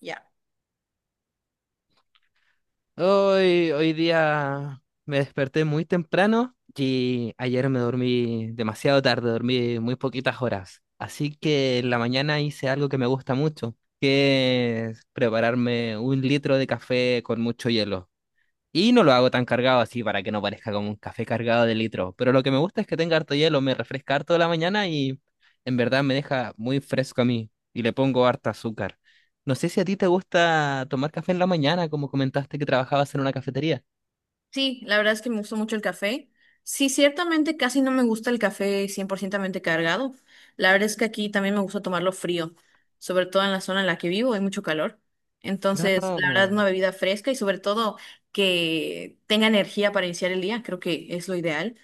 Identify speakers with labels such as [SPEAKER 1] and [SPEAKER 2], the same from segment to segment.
[SPEAKER 1] Ya.
[SPEAKER 2] Hoy día me desperté muy temprano y ayer me dormí demasiado tarde, dormí muy poquitas horas. Así que en la mañana hice algo que me gusta mucho, que es prepararme un litro de café con mucho hielo. Y no lo hago tan cargado así para que no parezca como un café cargado de litro. Pero lo que me gusta es que tenga harto hielo, me refresca harto la mañana y en verdad me deja muy fresco a mí. Y le pongo harta azúcar. No sé si a ti te gusta tomar café en la mañana, como comentaste que trabajabas en una cafetería.
[SPEAKER 1] Sí, la verdad es que me gustó mucho el café. Sí, ciertamente casi no me gusta el café 100% cargado. La verdad es que aquí también me gusta tomarlo frío, sobre todo en la zona en la que vivo, hay mucho calor. Entonces, la verdad,
[SPEAKER 2] Ah.
[SPEAKER 1] una bebida fresca y sobre todo que tenga energía para iniciar el día, creo que es lo ideal.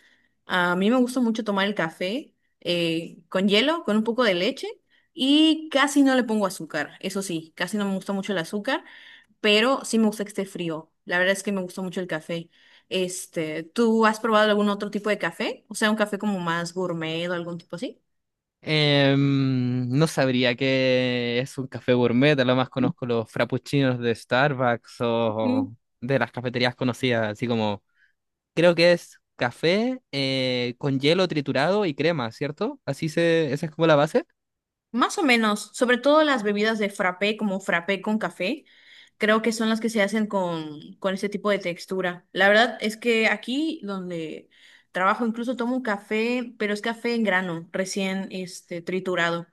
[SPEAKER 1] A mí me gusta mucho tomar el café con hielo, con un poco de leche y casi no le pongo azúcar. Eso sí, casi no me gusta mucho el azúcar. Pero sí me gusta que esté frío. La verdad es que me gusta mucho el café. Este, ¿tú has probado algún otro tipo de café? O sea, un café como más gourmet o algún tipo así.
[SPEAKER 2] No sabría qué es un café gourmet, a lo más conozco los frappuccinos de Starbucks
[SPEAKER 1] Ujú.
[SPEAKER 2] o de las cafeterías conocidas, así como. Creo que es café con hielo triturado y crema, ¿cierto? Así se, esa es como la base.
[SPEAKER 1] Más o menos, sobre todo las bebidas de frappé, como frappé con café, creo que son las que se hacen con ese tipo de textura. La verdad es que aquí donde trabajo incluso tomo un café, pero es café en grano, recién este, triturado.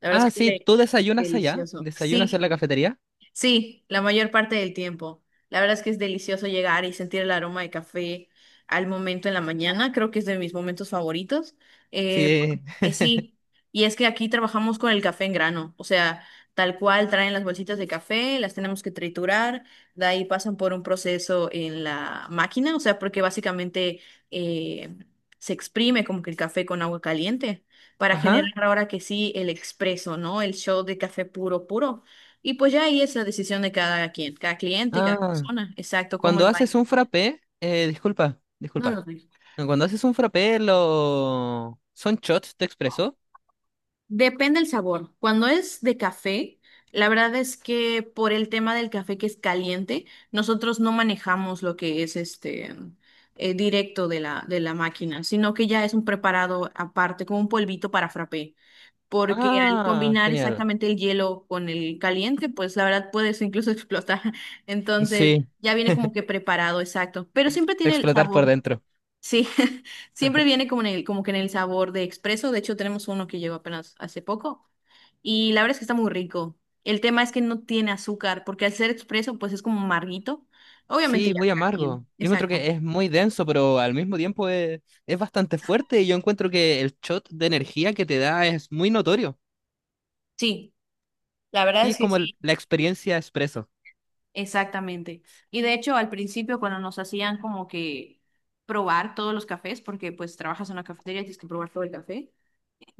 [SPEAKER 1] La verdad
[SPEAKER 2] Ah,
[SPEAKER 1] es que
[SPEAKER 2] sí,
[SPEAKER 1] huele
[SPEAKER 2] ¿tú desayunas allá?
[SPEAKER 1] delicioso.
[SPEAKER 2] ¿Desayunas en
[SPEAKER 1] Sí.
[SPEAKER 2] la cafetería?
[SPEAKER 1] Sí, la mayor parte del tiempo. La verdad es que es delicioso llegar y sentir el aroma de café al momento en la mañana. Creo que es de mis momentos favoritos. Eh,
[SPEAKER 2] Sí.
[SPEAKER 1] sí, y es que aquí trabajamos con el café en grano. O sea, tal cual traen las bolsitas de café, las tenemos que triturar, de ahí pasan por un proceso en la máquina. O sea, porque básicamente eh, se exprime como que el café con agua caliente para
[SPEAKER 2] Ajá.
[SPEAKER 1] generar ahora que sí el expreso, ¿no? El shot de café puro, puro. Y pues ya ahí es la decisión de cada quien, cada cliente y cada
[SPEAKER 2] Ah,
[SPEAKER 1] persona. Exacto, cómo
[SPEAKER 2] cuando
[SPEAKER 1] el baño.
[SPEAKER 2] haces un frappé, disculpa,
[SPEAKER 1] No lo
[SPEAKER 2] disculpa.
[SPEAKER 1] sé.
[SPEAKER 2] No, cuando haces un frappé, lo ¿son shots de expreso?
[SPEAKER 1] Depende el sabor. Cuando es de café, la verdad es que por el tema del café que es caliente, nosotros no manejamos lo que es este directo de la máquina, sino que ya es un preparado aparte, como un polvito para frappé. Porque al
[SPEAKER 2] Ah,
[SPEAKER 1] combinar
[SPEAKER 2] genial.
[SPEAKER 1] exactamente el hielo con el caliente, pues la verdad puedes incluso explotar. Entonces,
[SPEAKER 2] Sí,
[SPEAKER 1] ya viene como que preparado, exacto. Pero siempre tiene el
[SPEAKER 2] explotar por
[SPEAKER 1] sabor.
[SPEAKER 2] dentro.
[SPEAKER 1] Sí, siempre viene como en el, como que en el sabor de expreso. De hecho, tenemos uno que llegó apenas hace poco. Y la verdad es que está muy rico. El tema es que no tiene azúcar, porque al ser expreso, pues es como amarguito. Obviamente
[SPEAKER 2] Sí,
[SPEAKER 1] ya
[SPEAKER 2] muy
[SPEAKER 1] cada quien.
[SPEAKER 2] amargo. Yo encuentro
[SPEAKER 1] Exacto.
[SPEAKER 2] que es muy denso, pero al mismo tiempo es bastante fuerte y yo encuentro que el shot de energía que te da es muy notorio.
[SPEAKER 1] Sí, la verdad
[SPEAKER 2] Sí, es
[SPEAKER 1] es que
[SPEAKER 2] como el-
[SPEAKER 1] sí,
[SPEAKER 2] la experiencia expreso.
[SPEAKER 1] exactamente. Y de hecho, al principio, cuando nos hacían como que probar todos los cafés, porque pues trabajas en una cafetería y tienes que probar todo el café,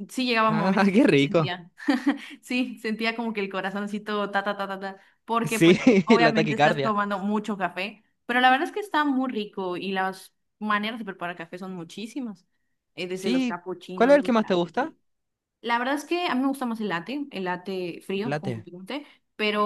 [SPEAKER 1] sí llegaba
[SPEAKER 2] Ah,
[SPEAKER 1] momentos
[SPEAKER 2] qué
[SPEAKER 1] que
[SPEAKER 2] rico.
[SPEAKER 1] sentía. Sí, sentía como que el corazoncito ta ta ta ta ta, porque pues
[SPEAKER 2] Sí, la
[SPEAKER 1] obviamente estás
[SPEAKER 2] taquicardia.
[SPEAKER 1] tomando mucho café, pero la verdad es que está muy rico y las maneras de preparar café son muchísimas, desde los
[SPEAKER 2] Sí, ¿cuál es
[SPEAKER 1] capuchinos,
[SPEAKER 2] el que
[SPEAKER 1] los
[SPEAKER 2] más te
[SPEAKER 1] lates,
[SPEAKER 2] gusta?
[SPEAKER 1] sí. La verdad es que a mí me gusta más el latte
[SPEAKER 2] El
[SPEAKER 1] frío, como
[SPEAKER 2] latte.
[SPEAKER 1] te conté,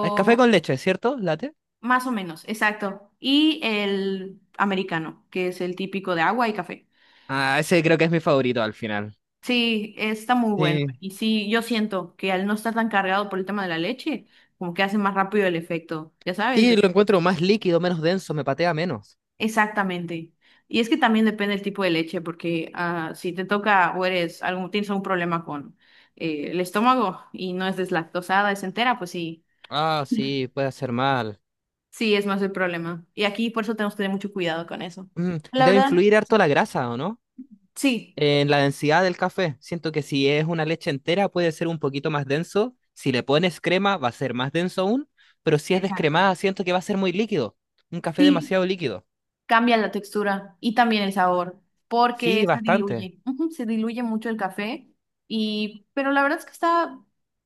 [SPEAKER 2] El café con leche, ¿cierto? Latte.
[SPEAKER 1] más o menos, exacto. Y el americano, que es el típico de agua y café.
[SPEAKER 2] Ah, ese creo que es mi favorito al final.
[SPEAKER 1] Sí, está muy bueno.
[SPEAKER 2] Sí.
[SPEAKER 1] Y sí, yo siento que al no estar tan cargado por el tema de la leche, como que hace más rápido el efecto, ya sabes.
[SPEAKER 2] Sí, lo encuentro más líquido, menos denso, me patea menos.
[SPEAKER 1] Exactamente. Y es que también depende del tipo de leche, porque ah, si te toca o eres algún, tienes algún problema con el estómago y no es deslactosada, es entera, pues sí,
[SPEAKER 2] Ah, sí, puede hacer mal.
[SPEAKER 1] sí es más el problema. Y aquí por eso tenemos que tener mucho cuidado con eso.
[SPEAKER 2] Mm,
[SPEAKER 1] La
[SPEAKER 2] debe
[SPEAKER 1] verdad,
[SPEAKER 2] influir harto la grasa, ¿o no?
[SPEAKER 1] sí.
[SPEAKER 2] En la densidad del café, siento que si es una leche entera puede ser un poquito más denso. Si le pones crema va a ser más denso aún, pero si es
[SPEAKER 1] Exacto.
[SPEAKER 2] descremada siento que va a ser muy líquido. Un café
[SPEAKER 1] Sí,
[SPEAKER 2] demasiado líquido.
[SPEAKER 1] cambia la textura y también el sabor, porque
[SPEAKER 2] Sí,
[SPEAKER 1] se
[SPEAKER 2] bastante.
[SPEAKER 1] diluye, ujú, se diluye mucho el café y, pero la verdad es que está,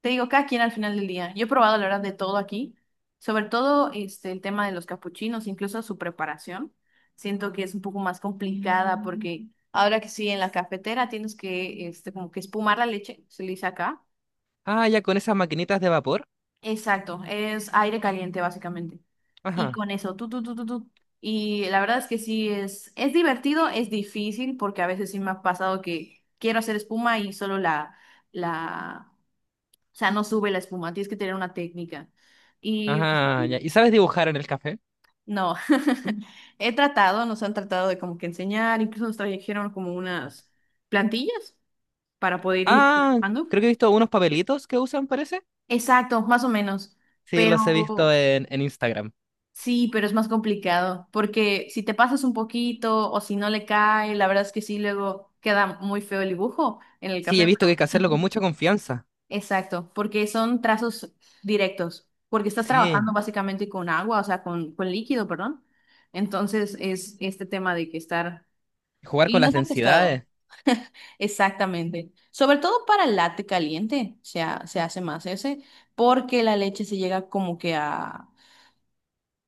[SPEAKER 1] te digo, cada quien al final del día. Yo he probado la verdad de todo aquí, sobre todo este el tema de los capuchinos, incluso su preparación. Siento que es un poco más complicada porque ahora que sí en la cafetera tienes que este como que espumar la leche, se le dice acá.
[SPEAKER 2] Ah, ya con esas maquinitas de vapor.
[SPEAKER 1] Exacto, es aire caliente básicamente. Y
[SPEAKER 2] Ajá.
[SPEAKER 1] con eso, tú, tú, tú, tú, tú. Y la verdad es que sí es divertido, es difícil, porque a veces sí me ha pasado que quiero hacer espuma y solo la, o sea, no sube la espuma, tienes que tener una técnica. Y
[SPEAKER 2] Ajá, ya. ¿Y sabes dibujar en el café?
[SPEAKER 1] no, he tratado, nos han tratado de como que enseñar, incluso nos trajeron como unas plantillas para poder ir
[SPEAKER 2] Ah,
[SPEAKER 1] manejando.
[SPEAKER 2] creo que he visto unos papelitos que usan, parece.
[SPEAKER 1] Exacto, más o menos.
[SPEAKER 2] Sí,
[SPEAKER 1] Pero
[SPEAKER 2] los he visto en Instagram.
[SPEAKER 1] sí, pero es más complicado, porque si te pasas un poquito o si no le cae, la verdad es que sí, luego queda muy feo el dibujo en el
[SPEAKER 2] Sí, he
[SPEAKER 1] café,
[SPEAKER 2] visto que
[SPEAKER 1] pero
[SPEAKER 2] hay que hacerlo con mucha confianza.
[SPEAKER 1] exacto, porque son trazos directos, porque estás
[SPEAKER 2] Sí,
[SPEAKER 1] trabajando básicamente con agua, o sea, con líquido, perdón. Entonces es este tema de que estar...
[SPEAKER 2] jugar con
[SPEAKER 1] Y
[SPEAKER 2] las
[SPEAKER 1] nos ha costado.
[SPEAKER 2] densidades,
[SPEAKER 1] Exactamente. Sobre todo para el latte caliente, se hace más ese, porque la leche se llega como que a...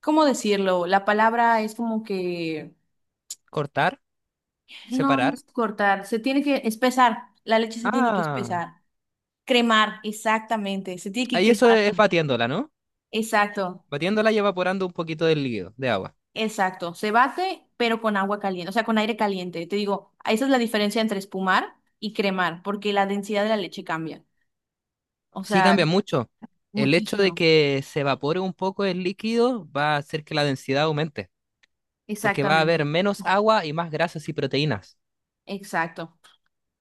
[SPEAKER 1] ¿Cómo decirlo? La palabra es como que
[SPEAKER 2] cortar,
[SPEAKER 1] no, no
[SPEAKER 2] separar.
[SPEAKER 1] es cortar, se tiene que espesar, la leche se tiene que
[SPEAKER 2] Ah.
[SPEAKER 1] espesar. Cremar, exactamente, se tiene que
[SPEAKER 2] Ahí eso
[SPEAKER 1] cremar.
[SPEAKER 2] es batiéndola, ¿no?
[SPEAKER 1] Exacto,
[SPEAKER 2] Batiéndola y evaporando un poquito del líquido, de agua.
[SPEAKER 1] exacto. Se bate, pero con agua caliente, o sea, con aire caliente. Te digo, esa es la diferencia entre espumar y cremar, porque la densidad de la leche cambia. O
[SPEAKER 2] Sí
[SPEAKER 1] sea,
[SPEAKER 2] cambia mucho. El hecho de
[SPEAKER 1] muchísimo.
[SPEAKER 2] que se evapore un poco el líquido va a hacer que la densidad aumente, porque va a haber
[SPEAKER 1] Exactamente,
[SPEAKER 2] menos agua y más grasas y proteínas.
[SPEAKER 1] exacto.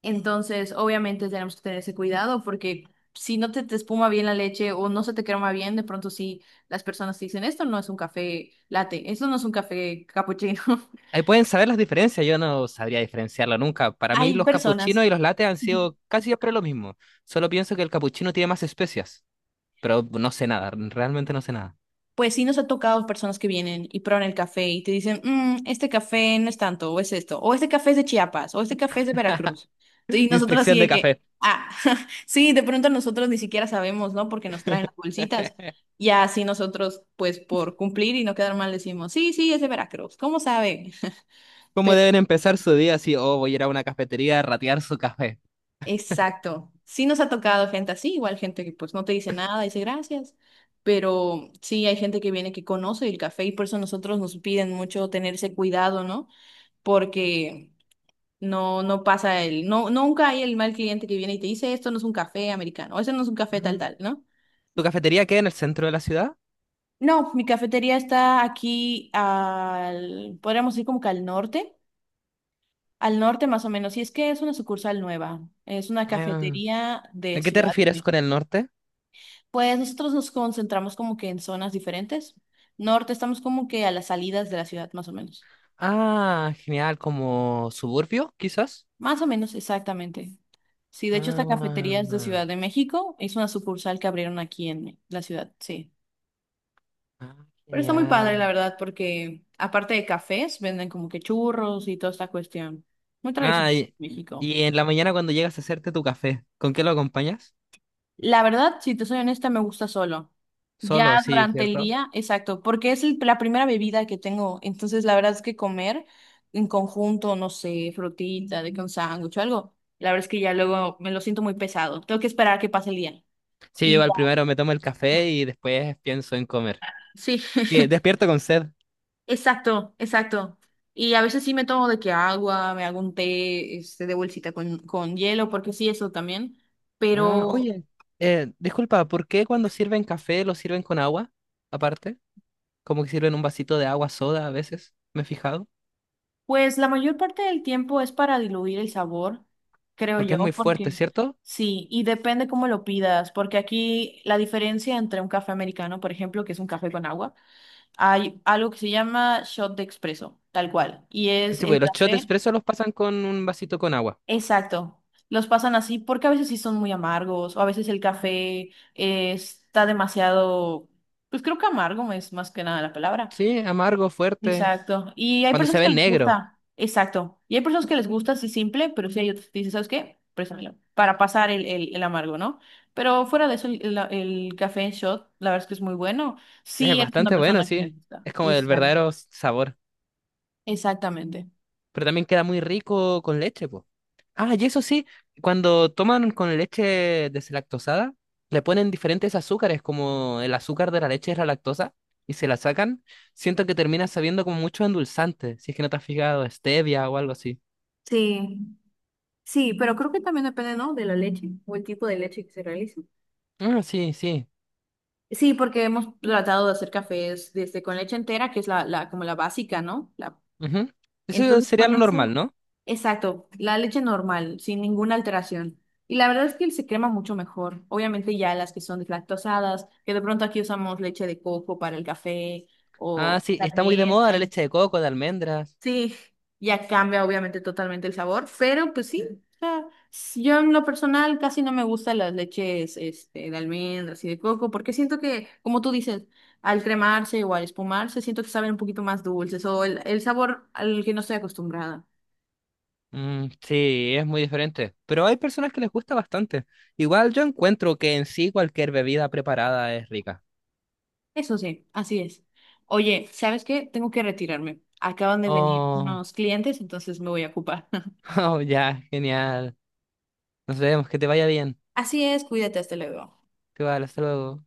[SPEAKER 1] Entonces, obviamente tenemos que tener ese cuidado porque si no te espuma bien la leche o no se te crema bien, de pronto sí las personas te dicen, esto no es un café latte, esto no es un café capuchino.
[SPEAKER 2] Ahí pueden saber las diferencias, yo no sabría diferenciarlo nunca. Para mí
[SPEAKER 1] Hay
[SPEAKER 2] los
[SPEAKER 1] personas.
[SPEAKER 2] capuchinos y los lates han sido casi siempre lo mismo. Solo pienso que el capuchino tiene más especias, pero no sé nada, realmente no sé nada.
[SPEAKER 1] Pues sí nos ha tocado personas que vienen y prueban el café y te dicen, "Mm, este café no es tanto, o es esto, o este café es de Chiapas, o este café es de Veracruz". Y nosotros así
[SPEAKER 2] Inspección
[SPEAKER 1] de
[SPEAKER 2] de
[SPEAKER 1] que,
[SPEAKER 2] café.
[SPEAKER 1] ah, sí, de pronto nosotros ni siquiera sabemos, ¿no? Porque nos traen las bolsitas. Y así nosotros, pues por cumplir y no quedar mal, decimos, sí, sí, es de Veracruz, ¿cómo sabe?
[SPEAKER 2] ¿Cómo deben empezar su día si, oh, voy a ir a una cafetería a ratear su café?
[SPEAKER 1] Exacto. Sí nos ha tocado gente así, igual gente que pues no te dice nada, dice gracias, pero sí hay gente que viene que conoce el café y por eso nosotros nos piden mucho tenerse cuidado, ¿no? Porque no no pasa el no nunca hay el mal cliente que viene y te dice esto no es un café americano, o, eso no es un café tal
[SPEAKER 2] Ah.
[SPEAKER 1] tal, ¿no?
[SPEAKER 2] ¿Tu cafetería queda en el centro de la ciudad?
[SPEAKER 1] No, mi cafetería está aquí al podríamos decir como que al norte más o menos, y es que es una sucursal nueva, es una
[SPEAKER 2] Ah.
[SPEAKER 1] cafetería
[SPEAKER 2] ¿A
[SPEAKER 1] de
[SPEAKER 2] qué te
[SPEAKER 1] Ciudad de
[SPEAKER 2] refieres
[SPEAKER 1] México.
[SPEAKER 2] con el norte?
[SPEAKER 1] Pues nosotros nos concentramos como que en zonas diferentes. Norte estamos como que a las salidas de la ciudad, más o menos.
[SPEAKER 2] Ah, genial, como suburbio, quizás.
[SPEAKER 1] Más o menos, exactamente. Sí, de hecho esta cafetería es de
[SPEAKER 2] Ah,
[SPEAKER 1] Ciudad de México. Es una sucursal que abrieron aquí en la ciudad, sí.
[SPEAKER 2] ah,
[SPEAKER 1] Pero está muy padre,
[SPEAKER 2] genial.
[SPEAKER 1] la verdad, porque aparte de cafés, venden como que churros y toda esta cuestión. Muy tradicional
[SPEAKER 2] Ah,
[SPEAKER 1] en México.
[SPEAKER 2] y en la mañana cuando llegas a hacerte tu café, ¿con qué lo acompañas?
[SPEAKER 1] La verdad, si te soy honesta, me gusta solo.
[SPEAKER 2] Solo,
[SPEAKER 1] Ya
[SPEAKER 2] sí,
[SPEAKER 1] durante el
[SPEAKER 2] ¿cierto?
[SPEAKER 1] día, exacto, porque es la primera bebida que tengo. Entonces, la verdad es que comer en conjunto, no sé, frutita, de que un sándwich o algo, la verdad es que ya luego me lo siento muy pesado. Tengo que esperar a que pase el día.
[SPEAKER 2] Sí, yo
[SPEAKER 1] Y
[SPEAKER 2] al
[SPEAKER 1] ya.
[SPEAKER 2] primero me tomo el café y después pienso en comer.
[SPEAKER 1] Sí,
[SPEAKER 2] Que despierto con sed.
[SPEAKER 1] exacto, exacto. Y a veces sí me tomo de que agua, me hago un té, este, de bolsita con hielo, porque sí, eso también.
[SPEAKER 2] Ah,
[SPEAKER 1] Pero
[SPEAKER 2] oye, disculpa, ¿por qué cuando sirven café lo sirven con agua aparte? Como que sirven un vasito de agua soda a veces, me he fijado,
[SPEAKER 1] pues la mayor parte del tiempo es para diluir el sabor, creo
[SPEAKER 2] porque es muy
[SPEAKER 1] yo,
[SPEAKER 2] fuerte,
[SPEAKER 1] porque
[SPEAKER 2] ¿cierto?
[SPEAKER 1] sí, y depende cómo lo pidas, porque aquí la diferencia entre un café americano, por ejemplo, que es un café con agua, hay algo que se llama shot de expreso, tal cual, y es
[SPEAKER 2] Sí, pues
[SPEAKER 1] el
[SPEAKER 2] los shots
[SPEAKER 1] café,
[SPEAKER 2] expresos los pasan con un vasito con agua.
[SPEAKER 1] exacto, los pasan así porque a veces sí son muy amargos, o a veces el café está demasiado, pues creo que amargo es más que nada la palabra.
[SPEAKER 2] Sí, amargo, fuerte,
[SPEAKER 1] Exacto. Y hay
[SPEAKER 2] cuando se
[SPEAKER 1] personas que
[SPEAKER 2] ve
[SPEAKER 1] les
[SPEAKER 2] negro,
[SPEAKER 1] gusta, exacto. Y hay personas que les gusta así simple, pero sí hay otras que dicen, ¿sabes qué? Préstamelo", para pasar el amargo, ¿no? Pero fuera de eso, el café en shot, la verdad es que es muy bueno.
[SPEAKER 2] es
[SPEAKER 1] Sí, eres una
[SPEAKER 2] bastante bueno,
[SPEAKER 1] persona que les
[SPEAKER 2] sí,
[SPEAKER 1] gusta.
[SPEAKER 2] es como el
[SPEAKER 1] Exacto.
[SPEAKER 2] verdadero sabor,
[SPEAKER 1] Exactamente.
[SPEAKER 2] pero también queda muy rico con leche, pues. Ah, y eso sí, cuando toman con leche deslactosada, le ponen diferentes azúcares, como el azúcar de la leche es la lactosa, y se la sacan, siento que termina sabiendo como mucho endulzante, si es que no te has fijado, stevia o algo así.
[SPEAKER 1] Sí, sí, pero creo que también depende, ¿no? De la leche o el tipo de leche que se realice.
[SPEAKER 2] Ah, sí, sí.
[SPEAKER 1] Sí, porque hemos tratado de hacer cafés desde con leche entera, que es la como la básica, ¿no? La
[SPEAKER 2] Ujú. Eso
[SPEAKER 1] Entonces
[SPEAKER 2] sería
[SPEAKER 1] con
[SPEAKER 2] lo normal,
[SPEAKER 1] eso,
[SPEAKER 2] ¿no?
[SPEAKER 1] exacto, la leche normal, sin ninguna alteración. Y la verdad es que se crema mucho mejor. Obviamente ya las que son deslactosadas, que de pronto aquí usamos leche de coco para el café
[SPEAKER 2] Ah,
[SPEAKER 1] o
[SPEAKER 2] sí,
[SPEAKER 1] la
[SPEAKER 2] está muy de moda la
[SPEAKER 1] almendra.
[SPEAKER 2] leche de coco, de almendras.
[SPEAKER 1] Sí, ya cambia obviamente totalmente el sabor, pero pues sí, o sea, yo en lo personal casi no me gustan las leches este, de almendras y de coco, porque siento que, como tú dices, al cremarse o al espumarse, siento que saben un poquito más dulces o el sabor al que no estoy acostumbrada.
[SPEAKER 2] Mm, sí, es muy diferente. Pero hay personas que les gusta bastante. Igual yo encuentro que en sí cualquier bebida preparada es rica.
[SPEAKER 1] Eso sí, así es. Oye, ¿sabes qué? Tengo que retirarme. Acaban de venir
[SPEAKER 2] Oh,
[SPEAKER 1] unos clientes, entonces me voy a ocupar.
[SPEAKER 2] oh, ya, genial. Nos vemos, que te vaya bien.
[SPEAKER 1] Así es, cuídate, hasta luego.
[SPEAKER 2] Igual, hasta luego.